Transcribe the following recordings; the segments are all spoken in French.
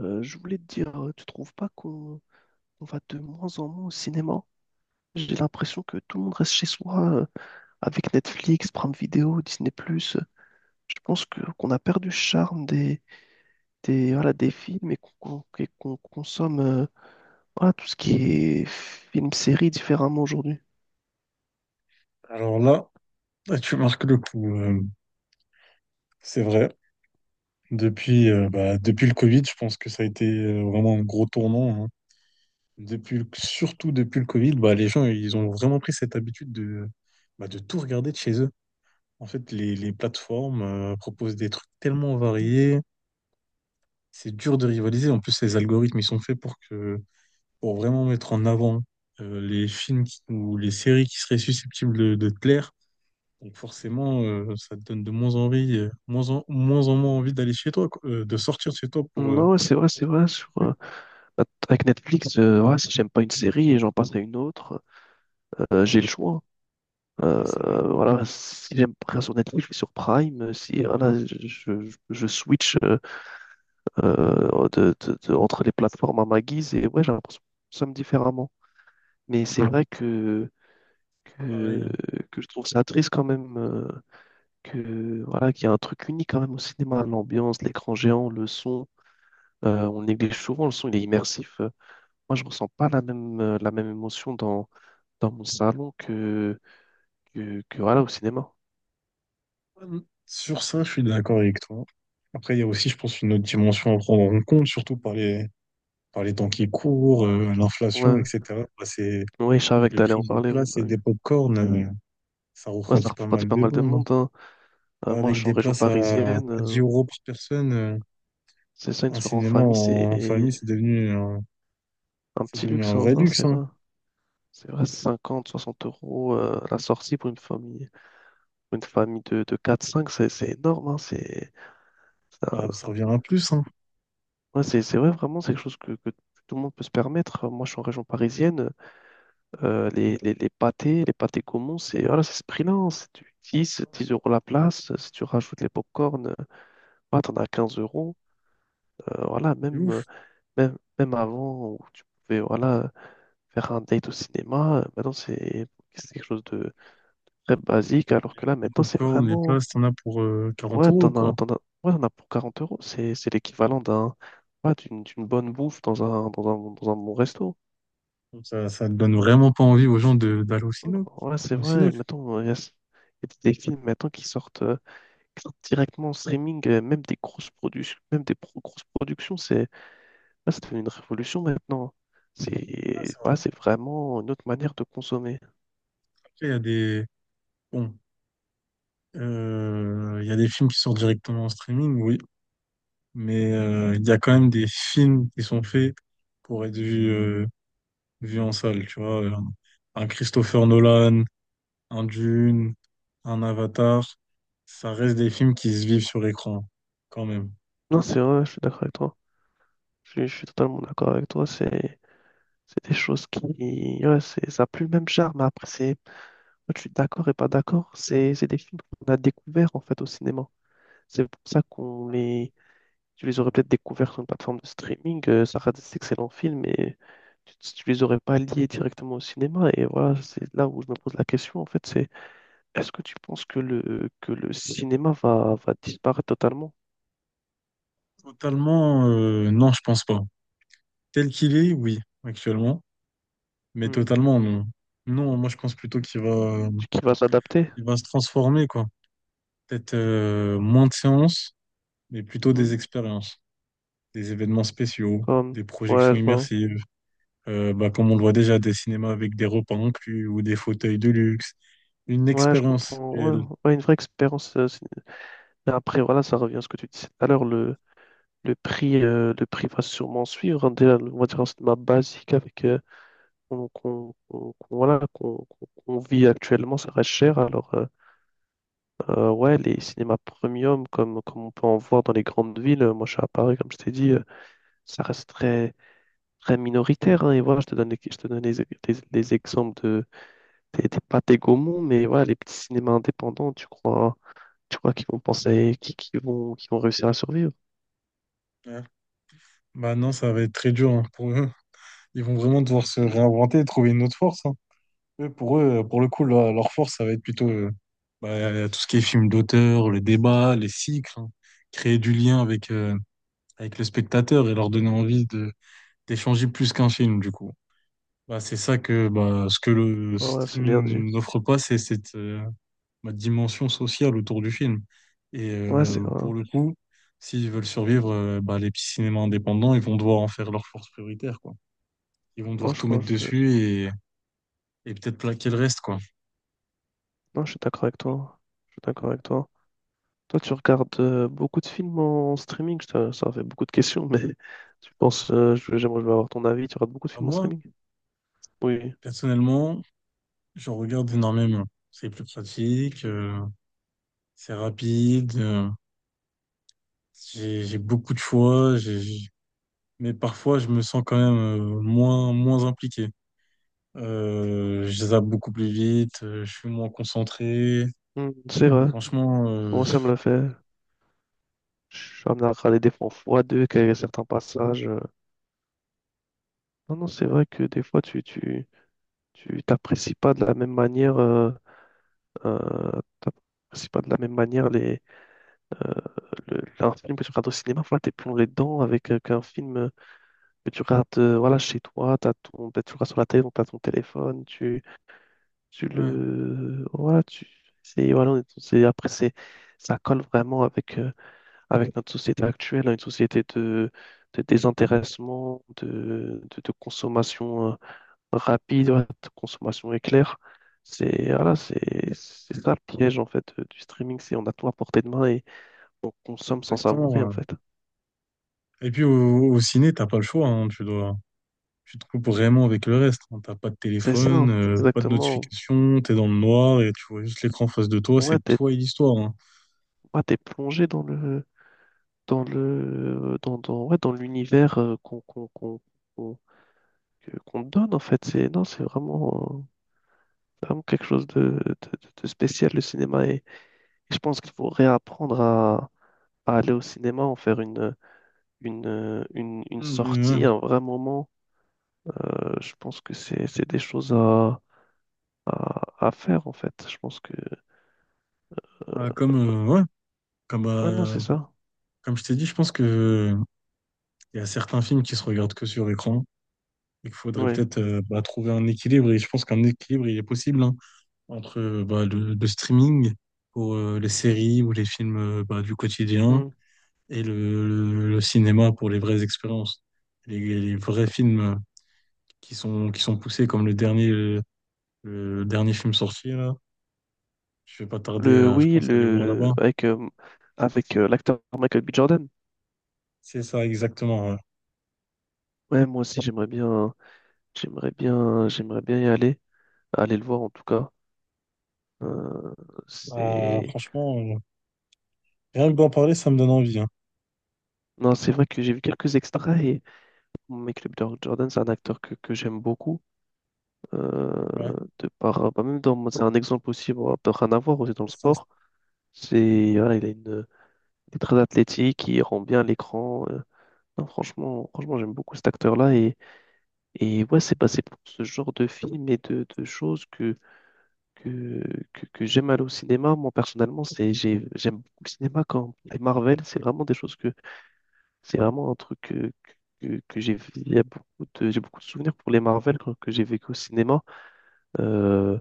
Je voulais te dire, tu trouves pas qu'on on va de moins en moins au cinéma? J'ai l'impression que tout le monde reste chez soi avec Netflix, Prime Video, Disney+. Plus. Je pense que qu'on a perdu le charme voilà, des films et et qu'on consomme voilà, tout ce qui est film, série différemment aujourd'hui. Alors là, là, tu marques le coup, c'est vrai. Depuis, depuis le Covid, je pense que ça a été vraiment un gros tournant, hein. Surtout depuis le Covid, bah, les gens, ils ont vraiment pris cette habitude de, bah, de tout regarder de chez eux. En fait, les plateformes proposent des trucs tellement variés, c'est dur de rivaliser. En plus, les algorithmes, ils sont faits pour vraiment mettre en avant les ou les séries qui seraient susceptibles de te plaire. Donc forcément, ça te donne de moins envie, moins en moins envie d'aller chez toi, quoi, de sortir de chez toi Non, ouais, c'est vrai, pour c'est se vrai. Promener. Avec Netflix, ouais, si j'aime pas une série et j'en passe à une autre, j'ai le choix. Ouais, c'est vrai, Voilà, si j'aime pas sur Netflix, je vais sur Prime. Si voilà, je switch entre les plateformes à ma guise et ouais, j'ai l'impression que nous sommes différemment. Mais c'est vrai pareil, que, hein. que je trouve ça triste quand même que voilà, qu'il y a un truc unique quand même au cinéma, l'ambiance, l'écran géant, le son. On néglige souvent le son, il est immersif. Moi, je ressens pas la même émotion dans mon salon que voilà, au cinéma. Hum. Sur ça, je suis d'accord avec toi. Après, il y a aussi, je pense, une autre dimension à prendre en compte, surtout par par les temps qui courent, l'inflation, Ouais. etc. Bah, c'est Oui, je savais que le t'allais en prix des parler, oui, places bah et oui. des pop-corn, ça Ouais, ça refroidit pas refroidit mal pas de mal de monde, hein. monde, hein. Bah, Moi, je avec suis en des région places à parisienne. 10 euros par personne, C'est ça, une un soirée en cinéma famille, c'est en, en famille, un c'est petit devenu luxe, un hein, vrai ça, luxe, c'est hein. vrai. C'est vrai, 50, 60 € la sortie pour une famille de 4-5, c'est énorme, hein. C'est Ah, un- ça revient à plus, hein. ouais, c'est vrai, vraiment, c'est quelque chose que tout le monde peut se permettre. Moi, je suis en région parisienne. Les pâtés, les pâtés communs, c'est voilà, c'est ce prix-là, hein. C'est du 10 10 € la place. Si tu rajoutes les pop-corn, bah, t'en as 15 euros. Voilà, C'est ouf. Même avant où tu pouvais voilà, faire un date au cinéma, maintenant c'est quelque chose de très basique, alors que là Les maintenant c'est popcorn, les vraiment. places, t'en as pour 40 Ouais, euros, quoi. Ouais, t'en as pour 40 euros, c'est l'équivalent d'un ouais, d'une bonne bouffe dans un bon resto. Donc ça te donne vraiment pas envie aux gens de d'aller au cinéma. Ouais, c'est Au cinéma, vrai, je sais mettons, il y a des films maintenant qui sortent directement en streaming, même des grosses productions, même grosses productions, c'est là, c'est devenu une révolution maintenant. pas, C'est c'est ouais, vrai. c'est vraiment une autre manière de consommer. Après, il y a des... Bon, il y a des films qui sortent directement en streaming, oui. Mais il y a quand même des films qui sont faits pour être vus, vus en salle, tu vois. Un Christopher Nolan, un Dune, un Avatar. Ça reste des films qui se vivent sur l'écran, quand même. Non, c'est vrai, je suis d'accord avec toi. Je suis totalement d'accord avec toi. C'est des choses qui. Ouais, c'est, ça n'a plus le même charme. Après, c'est. Je suis d'accord et pas d'accord. C'est des films qu'on a découverts en fait au cinéma. C'est pour ça qu'on met. Tu les aurais peut-être découverts sur une plateforme de streaming. Ça reste des excellents films, mais tu les aurais pas liés directement au cinéma. Et voilà, c'est là où je me pose la question. En fait, c'est. Est-ce que tu penses que le cinéma va disparaître totalement? Totalement, non, je pense pas. Tel qu'il est, oui, actuellement, mais Hmm. totalement, non. Non, moi, je pense plutôt Qui va s'adapter? il va se transformer, quoi. Peut-être moins de séances, mais plutôt Hmm. des expériences, des événements spéciaux, Comme, des ouais, projections je vois. immersives, bah, comme on le voit déjà, des cinémas avec des repas inclus ou des fauteuils de luxe, une Ouais, je expérience comprends. Ouais, réelle. ouais, une vraie expérience. Mais après, voilà, ça revient à ce que tu disais tout à l'heure. Le prix va sûrement suivre, hein. Déjà, on va dire un cinéma basique avec voilà, qu'on vit actuellement, ça reste cher. Alors, ouais, les cinémas premium, comme on peut en voir dans les grandes villes, moi je suis à Paris, comme je t'ai dit, ça resterait très minoritaire, hein. Et voilà, je te donne les exemples des pâtés Gaumont, mais voilà, les petits cinémas indépendants, tu crois qu'ils vont penser, qu'ils vont réussir à survivre? Ouais. Bah non, ça va être très dur hein, pour eux. Ils vont vraiment devoir se réinventer, trouver une autre force, hein. Eux, pour le coup, leur force, ça va être plutôt bah, tout ce qui est film d'auteur, les débats, les cycles, hein. Créer du lien avec, avec le spectateur et leur donner envie de, d'échanger plus qu'un film, du coup. Bah, c'est ça que bah, ce que le Ah ouais, c'est bien dit. streaming n'offre pas, c'est cette bah, dimension sociale autour du film. Et Ouais, c'est vrai. pour le coup, s'ils veulent survivre, bah, les petits cinémas indépendants, ils vont devoir en faire leur force prioritaire, quoi. Ils vont Non, devoir tout mettre dessus et peut-être plaquer le reste, quoi. non, je suis d'accord avec toi. Je suis d'accord avec toi. Toi, tu regardes beaucoup de films en streaming. Ça fait beaucoup de questions, mais tu penses, je- j'aimerais je veux avoir ton avis. Tu regardes beaucoup de À films en moi, streaming? Oui. personnellement, je regarde énormément. C'est plus pratique, c'est rapide, j'ai beaucoup de choix, mais parfois je me sens quand même moins impliqué. Je zappe beaucoup plus vite, je suis moins concentré. Hmm, c'est vrai. Franchement, Moi, ça me l'a fait. Je suis amené à regarder des fois en x2, qu'il y a certains passages. Non, non, c'est vrai que des fois, tu t'apprécies pas de la même manière, euh, t'apprécies pas de la même manière euh, un film que tu regardes au cinéma. Voilà, t'es plongé dedans avec qu'un film que tu regardes, voilà, chez toi, tu regardes sur la télé, donc t'as ton téléphone, ouais, voilà, voilà, on est- c'est, après, c'est, ça colle vraiment avec notre société actuelle, hein, une société de désintéressement, de consommation rapide, ouais, de consommation éclair. C'est voilà, c'est ça le piège en fait du streaming, c'est on a tout à portée de main et on consomme sans exactement, savourer en ouais. fait. Et puis au ciné, t'as pas le choix, hein, tu te coupes vraiment avec le reste, hein. T'as pas de C'est ça, téléphone, hein, pas de exactement. notification, t'es dans le noir et tu vois juste l'écran en face de toi, Ouais, c'est toi et l'histoire, hein. T'es plongé dans le dans le dans dans ouais, dans l'univers qu'on qu'on te donne en fait. C'est non, c'est vraiment vraiment quelque chose de spécial le cinéma et je pense qu'il faut réapprendre à aller au cinéma, en faire une Mm, sortie, ouais. un vrai moment. Je pense que c'est des choses à faire en fait. Je pense que euh, Ouais, comme, euh, ouais. Comme, ouais non c'est ça. comme je t'ai dit, je pense que il y a certains films qui se regardent que sur écran et qu'il faudrait Ouais. peut-être bah, trouver un équilibre. Et je pense qu'un équilibre, il est possible hein, entre bah, le streaming pour les séries ou les films bah, du quotidien Hmm. et le cinéma pour les vraies expériences. Les vrais films qui sont poussés, comme le dernier film sorti, là. Je vais pas tarder Le à, je oui pense, à aller voir le là-bas. avec Avec l'acteur Michael B. Jordan. C'est ça, exactement, ouais. Ouais moi aussi j'aimerais bien y aller aller le voir en tout cas. Euh, Ah, c'est franchement, rien que d'en parler, ça me donne envie, hein. non c'est vrai que j'ai vu quelques extraits et Michael B. Jordan c'est un acteur que j'aime beaucoup euh, Ouais. de par bah, même dans c'est un exemple aussi bon, après, rien à voir aussi dans le C'est un sport. C'est voilà il a une. Il est très athlétique, il rend bien l'écran. Non, franchement, franchement, j'aime beaucoup cet acteur-là. Et ouais, c'est passé pour ce genre de film et de choses que, que j'aime aller au cinéma. Moi, personnellement, c'est, j'aime beaucoup le cinéma quand les Marvel, c'est vraiment des choses que c'est vraiment un truc que j'ai beaucoup de souvenirs pour les Marvel que j'ai vécu au cinéma. Euh,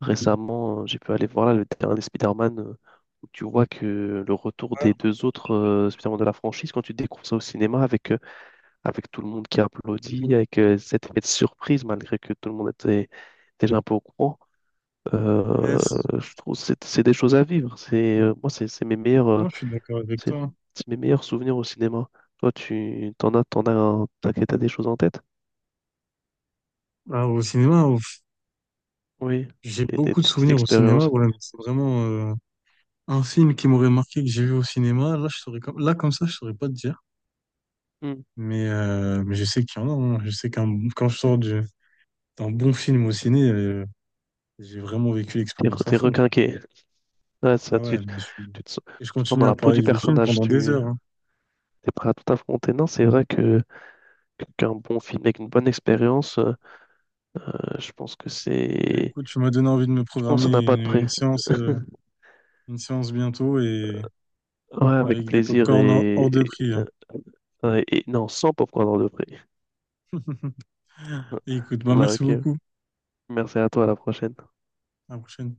Récemment, j'ai pu aller voir là, le dernier Spider-Man, où tu vois que le retour des explorateur. deux autres Spider-Man de la franchise, quand tu découvres ça au cinéma, avec tout le monde qui applaudit, avec cet effet de surprise, malgré que tout le monde était déjà un peu au courant, euh, Yes. je trouve que c'est des choses à vivre. C'est, moi, Non, je suis d'accord avec c'est toi. c'est mes meilleurs souvenirs au cinéma. Toi, tu t'en as, un- t'as t'as des choses en tête? Ah, au cinéma, au- Oui, j'ai et beaucoup de des petites souvenirs au cinéma. expériences. Voilà, mais c'est vraiment un film qui m'aurait marqué que j'ai vu au cinéma. Là, comme ça, je saurais pas te dire. Hmm. Mais je sais qu'il y en a, hein. Je sais qu'un quand je sors du- d'un bon film au ciné, j'ai vraiment vécu l'expérience à T'es fond, quoi. requinqué. Ouais, ça, Ah ouais, mais je suis- et je tu te sens continue dans à la peau parler du du film personnage, pendant des tu heures, hein. es prêt à tout affronter. Non, c'est vrai qu'un bon film avec une bonne expérience, je pense que Allez, c'est. écoute, tu m'as donné envie de me Je pense programmer qu'on n'a pas de prix. Une séance bientôt et Ouais, avec avec des pop plaisir hors de prix, hein. euh, non, sans popcorn de prix. Écoute, bah, Bah, merci ok. beaucoup. Merci à toi, à la prochaine. À la prochaine.